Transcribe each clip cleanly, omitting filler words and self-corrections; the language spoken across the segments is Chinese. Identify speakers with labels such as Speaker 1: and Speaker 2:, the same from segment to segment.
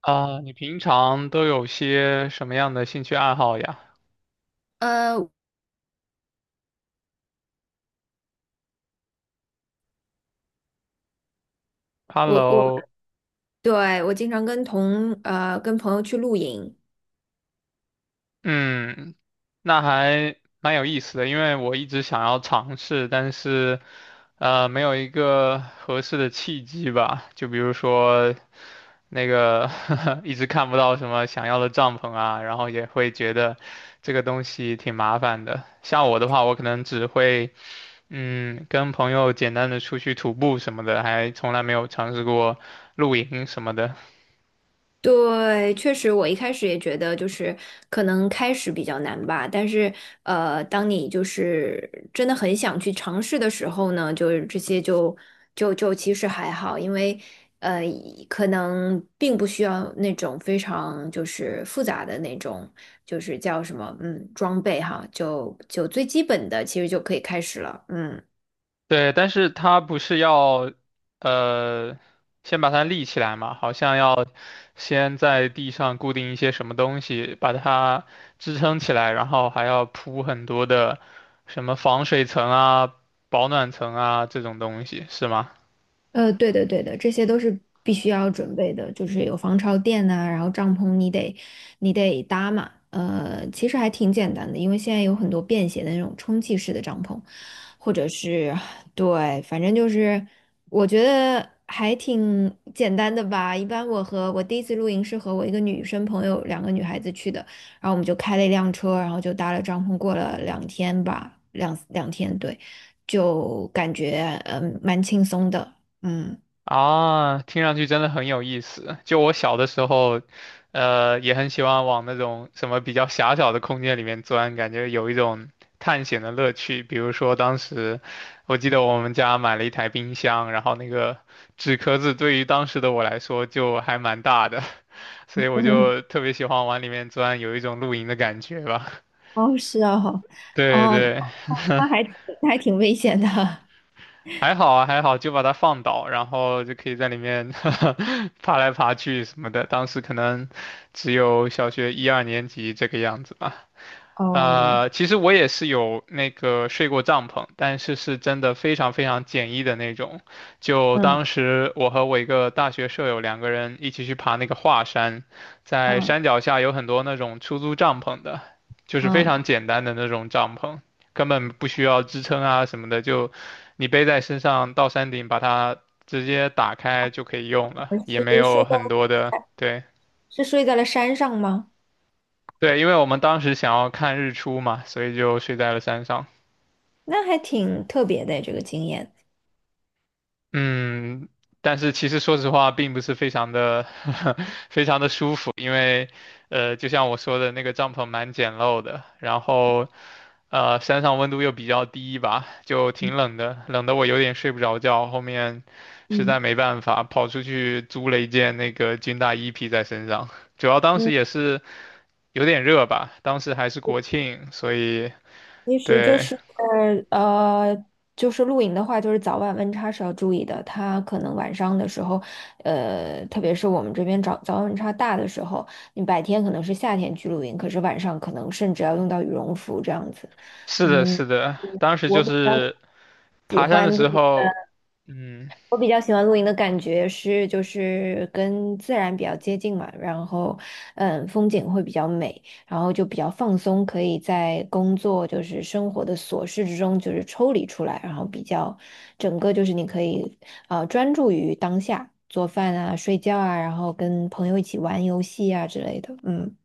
Speaker 1: 啊，你平常都有些什么样的兴趣爱好呀
Speaker 2: 呃，我我
Speaker 1: ？Hello，
Speaker 2: 对，我经常跟朋友去露营。
Speaker 1: 嗯，那还蛮有意思的，因为我一直想要尝试，但是没有一个合适的契机吧。就比如说那个 一直看不到什么想要的帐篷啊，然后也会觉得这个东西挺麻烦的。像我的话，我可能只会。嗯，跟朋友简单的出去徒步什么的，还从来没有尝试过露营什么的。
Speaker 2: 对，确实我一开始也觉得就是可能开始比较难吧，但是当你就是真的很想去尝试的时候呢，就是这些就其实还好，因为呃可能并不需要那种非常就是复杂的那种就是叫什么装备哈，就最基本的其实就可以开始了，嗯。
Speaker 1: 对，但是它不是要，呃，先把它立起来嘛，好像要先在地上固定一些什么东西，把它支撑起来，然后还要铺很多的什么防水层啊、保暖层啊这种东西，是吗？
Speaker 2: 对的，对的，这些都是必须要准备的，就是有防潮垫呐、然后帐篷你得搭嘛。其实还挺简单的，因为现在有很多便携的那种充气式的帐篷，或者是对，反正就是我觉得还挺简单的吧。一般我第一次露营是和我一个女生朋友，2个女孩子去的，然后我们就开了一辆车，然后就搭了帐篷，过了两天吧，两天，对，就感觉蛮轻松的，嗯。
Speaker 1: 啊，听上去真的很有意思。就我小的时候，也很喜欢往那种什么比较狭小的空间里面钻，感觉有一种探险的乐趣。比如说，当时我记得我们家买了一台冰箱，然后那个纸壳子对于当时的我来说就还蛮大的，所以 我
Speaker 2: 嗯，
Speaker 1: 就特别喜欢往里面钻，有一种露营的感觉吧。
Speaker 2: 哦，是哦。
Speaker 1: 对
Speaker 2: 哦，
Speaker 1: 对。
Speaker 2: 那还挺那还挺危险的。
Speaker 1: 还好啊，还好，就把它放倒，然后就可以在里面 爬来爬去什么的。当时可能只有小学一二年级这个样子吧。
Speaker 2: 哦，
Speaker 1: 其实我也是有那个睡过帐篷，但是是真的非常非常简易的那种。就
Speaker 2: 嗯
Speaker 1: 当时我和我一个大学舍友两个人一起去爬那个华山，在
Speaker 2: 嗯
Speaker 1: 山脚下有很多那种出租帐篷的，就是非
Speaker 2: 嗯，
Speaker 1: 常简单的那种帐篷，根本不需要支撑啊什么的，就你背在身上到山顶把它直接打开就可以用了，
Speaker 2: 我
Speaker 1: 也没
Speaker 2: 是
Speaker 1: 有
Speaker 2: 睡在
Speaker 1: 很多的，对
Speaker 2: 是睡在了山上吗？
Speaker 1: 对，因为我们当时想要看日出嘛，所以就睡在了山上。
Speaker 2: 那还挺特别的这个经验。
Speaker 1: 嗯，但是其实说实话，并不是非常的 非常的舒服，因为就像我说的，那个帐篷蛮简陋的，然后山上温度又比较低吧，就
Speaker 2: 嗯
Speaker 1: 挺冷的，冷得我有点睡不着觉。后面实在
Speaker 2: 嗯，
Speaker 1: 没办法，跑出去租了一件那个军大衣披在身上，主要当时
Speaker 2: 嗯，
Speaker 1: 也是有点热吧，当时还是国庆，所以
Speaker 2: 其实
Speaker 1: 对，
Speaker 2: 呃，就是露营的话，就是早晚温差是要注意的。它可能晚上的时候，特别是我们这边早早晚温差大的时候，你白天可能是夏天去露营，可是晚上可能甚至要用到羽绒服这样子。
Speaker 1: 是
Speaker 2: 嗯，
Speaker 1: 的，是的，当时就
Speaker 2: 我比较
Speaker 1: 是
Speaker 2: 喜
Speaker 1: 爬山的
Speaker 2: 欢露
Speaker 1: 时
Speaker 2: 营。
Speaker 1: 候。嗯，
Speaker 2: 我比较喜欢露营的感觉是，就是跟自然比较接近嘛。然后嗯，风景会比较美，然后就比较放松，可以在工作就是生活的琐事之中就是抽离出来，然后比较整个就是你可以啊专注于当下，做饭啊、睡觉啊，然后跟朋友一起玩游戏啊之类的，嗯。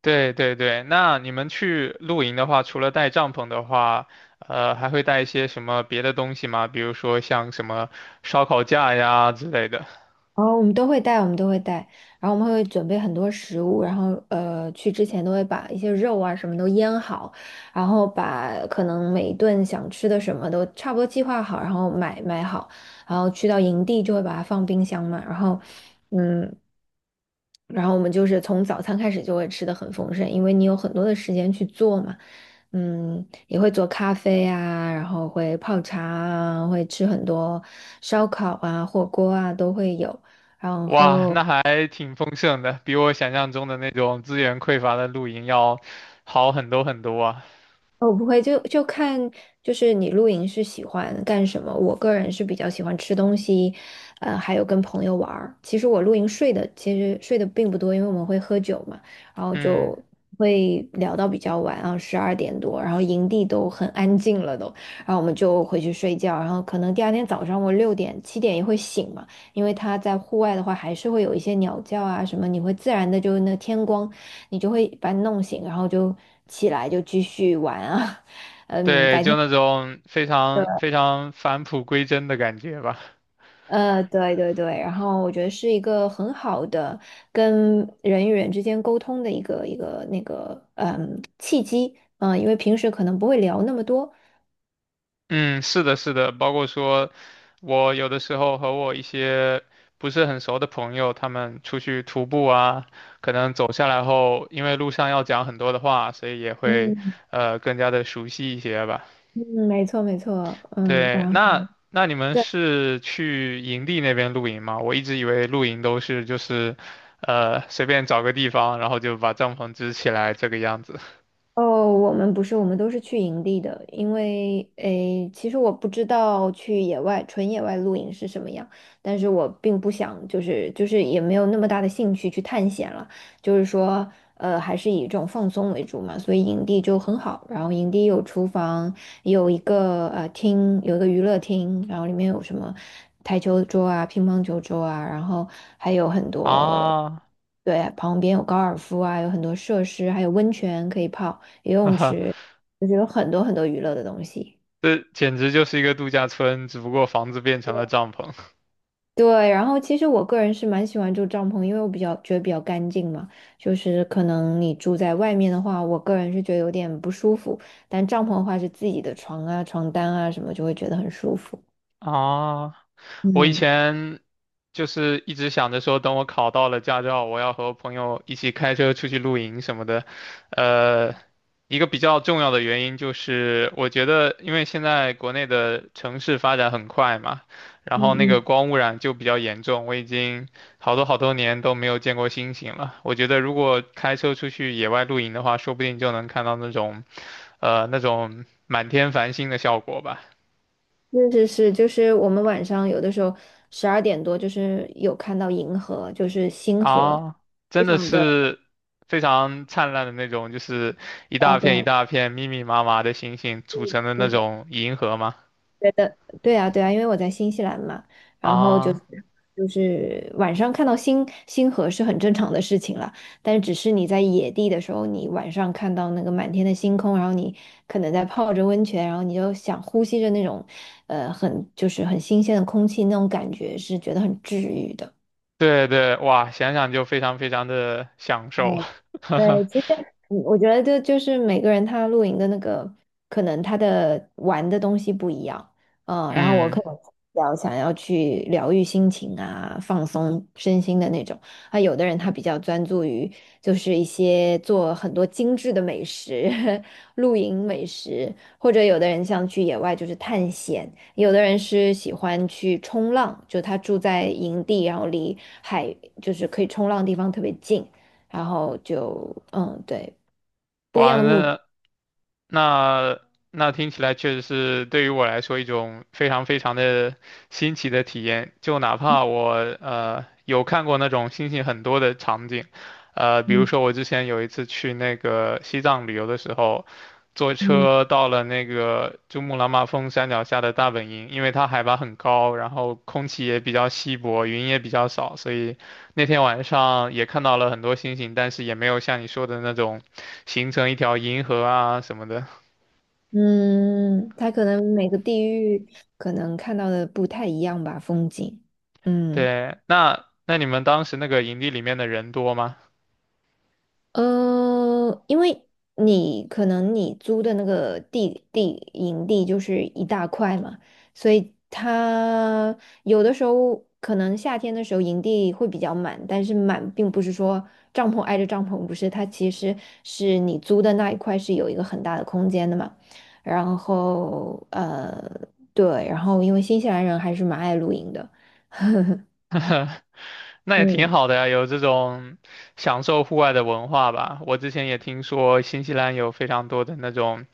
Speaker 1: 对对对，那你们去露营的话，除了带帐篷的话，还会带一些什么别的东西吗？比如说像什么烧烤架呀之类的。
Speaker 2: 哦，我们都会带，我们都会带，然后我们会准备很多食物，然后去之前都会把一些肉啊什么都腌好，然后把可能每一顿想吃的什么都差不多计划好，然后买好，然后去到营地就会把它放冰箱嘛，然后嗯，然后我们就是从早餐开始就会吃的很丰盛，因为你有很多的时间去做嘛。嗯，也会做咖啡啊，然后会泡茶啊，会吃很多烧烤啊、火锅啊都会有，然
Speaker 1: 哇，
Speaker 2: 后。
Speaker 1: 那还挺丰盛的，比我想象中的那种资源匮乏的露营要好很多很多啊。
Speaker 2: 哦，不会，就就看，就是你露营是喜欢干什么？我个人是比较喜欢吃东西，还有跟朋友玩儿。其实我露营睡的其实睡的并不多，因为我们会喝酒嘛，然后
Speaker 1: 嗯，
Speaker 2: 就会聊到比较晚啊，十二点多，然后营地都很安静了都，然后我们就回去睡觉，然后可能第二天早上我6点7点也会醒嘛，因为他在户外的话还是会有一些鸟叫啊什么，你会自然的就那天光你就会把你弄醒，然后就起来就继续玩啊。嗯，
Speaker 1: 对，
Speaker 2: 白
Speaker 1: 就
Speaker 2: 天。
Speaker 1: 那种非常非常返璞归真的感觉吧。
Speaker 2: 对对对，然后我觉得是一个很好的跟人与人之间沟通的一个契机。嗯，因为平时可能不会聊那么多。
Speaker 1: 嗯，是的，是的，包括说，我有的时候和我一些不是很熟的朋友，他们出去徒步啊，可能走下来后，因为路上要讲很多的话，所以也会
Speaker 2: 嗯
Speaker 1: 更加的熟悉一些吧。
Speaker 2: 嗯，没错没错，嗯，
Speaker 1: 对，
Speaker 2: 然后。
Speaker 1: 那你们
Speaker 2: 对。
Speaker 1: 是去营地那边露营吗？我一直以为露营都是就是随便找个地方，然后就把帐篷支起来这个样子
Speaker 2: 哦，我们不是，我们都是去营地的，因为诶，其实我不知道去野外纯野外露营是什么样，但是我并不想，就是也没有那么大的兴趣去探险了，就是说，还是以这种放松为主嘛，所以营地就很好，然后营地有厨房，有一个厅，有一个娱乐厅，然后里面有什么台球桌啊、乒乓球桌啊，然后还有很多。
Speaker 1: 啊，
Speaker 2: 对，旁边有高尔夫啊，有很多设施，还有温泉可以泡。游
Speaker 1: 哈
Speaker 2: 泳
Speaker 1: 哈，
Speaker 2: 池，就是有很多很多娱乐的东西。
Speaker 1: 这简直就是一个度假村，只不过房子变成了帐篷。
Speaker 2: 对，然后其实我个人是蛮喜欢住帐篷，因为我比较觉得比较干净嘛。就是可能你住在外面的话，我个人是觉得有点不舒服，但帐篷的话是自己的床啊、床单啊什么，就会觉得很舒服。
Speaker 1: 啊，我以
Speaker 2: 嗯。
Speaker 1: 前就是一直想着说，等我考到了驾照，我要和朋友一起开车出去露营什么的。呃，一个比较重要的原因就是，我觉得因为现在国内的城市发展很快嘛，然后
Speaker 2: 嗯
Speaker 1: 那个
Speaker 2: 嗯，
Speaker 1: 光污染就比较严重，我已经好多好多年都没有见过星星了。我觉得如果开车出去野外露营的话，说不定就能看到那种，那种满天繁星的效果吧。
Speaker 2: 是是是，就是我们晚上有的时候十二点多，就是有看到银河，就是星河，
Speaker 1: 啊，
Speaker 2: 非
Speaker 1: 真的
Speaker 2: 常的。
Speaker 1: 是非常灿烂的那种，就是一
Speaker 2: 对啊
Speaker 1: 大
Speaker 2: 对
Speaker 1: 片一
Speaker 2: 啊，
Speaker 1: 大片密密麻麻的星星
Speaker 2: 对
Speaker 1: 组成的那
Speaker 2: 对
Speaker 1: 种银河吗？
Speaker 2: 对对啊，对啊，因为我在新西兰嘛，然后就是
Speaker 1: 啊，
Speaker 2: 就是晚上看到星星河是很正常的事情了，但是只是你在野地的时候，你晚上看到那个满天的星空，然后你可能在泡着温泉，然后你就想呼吸着那种，很就是很新鲜的空气，那种感觉是觉得很治愈的。
Speaker 1: 对对，哇，想想就非常非常的享
Speaker 2: 嗯，
Speaker 1: 受。
Speaker 2: 对，其实我觉得这就是每个人他露营的那个，可能他的玩的东西不一样。嗯，然后我
Speaker 1: 嗯
Speaker 2: 可能比较想要去疗愈心情啊，放松身心的那种。啊，有的人他比较专注于就是一些做很多精致的美食，露营美食，或者有的人像去野外就是探险，有的人是喜欢去冲浪，就他住在营地，然后离海就是可以冲浪的地方特别近。然后就嗯，对，不一样
Speaker 1: 哇，
Speaker 2: 的目的。
Speaker 1: 那那听起来确实是对于我来说一种非常非常的新奇的体验。就哪怕我有看过那种星星很多的场景，比如
Speaker 2: 嗯
Speaker 1: 说我之前有一次去那个西藏旅游的时候，坐
Speaker 2: 嗯
Speaker 1: 车到了那个珠穆朗玛峰山脚下的大本营，因为它海拔很高，然后空气也比较稀薄，云也比较少，所以那天晚上也看到了很多星星，但是也没有像你说的那种。形成一条银河啊什么的。
Speaker 2: 嗯，他可能每个地域可能看到的不太一样吧，风景。嗯。
Speaker 1: 对，那你们当时那个营地里面的人多吗？
Speaker 2: 因为你可能你租的那个营地就是一大块嘛，所以它有的时候可能夏天的时候营地会比较满，但是满并不是说帐篷挨着帐篷，不是，它其实是你租的那一块是有一个很大的空间的嘛。然后对，然后因为新西兰人还是蛮爱露营的。
Speaker 1: 那也挺
Speaker 2: 嗯，
Speaker 1: 好的呀，有这种享受户外的文化吧。我之前也听说新西兰有非常多的那种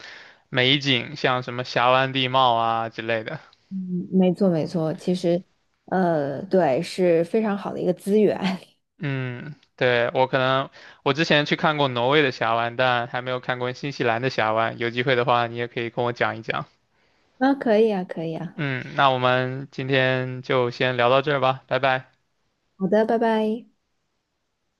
Speaker 1: 美景，像什么峡湾地貌啊之类的。
Speaker 2: 嗯，没错没错，其实，对，是非常好的一个资源。
Speaker 1: 嗯，对，我可能我之前去看过挪威的峡湾，但还没有看过新西兰的峡湾。有机会的话，你也可以跟我讲一讲。
Speaker 2: 啊，可以啊，可以啊，
Speaker 1: 嗯，那我们今天就先聊到这儿吧，拜拜。
Speaker 2: 好的，拜拜。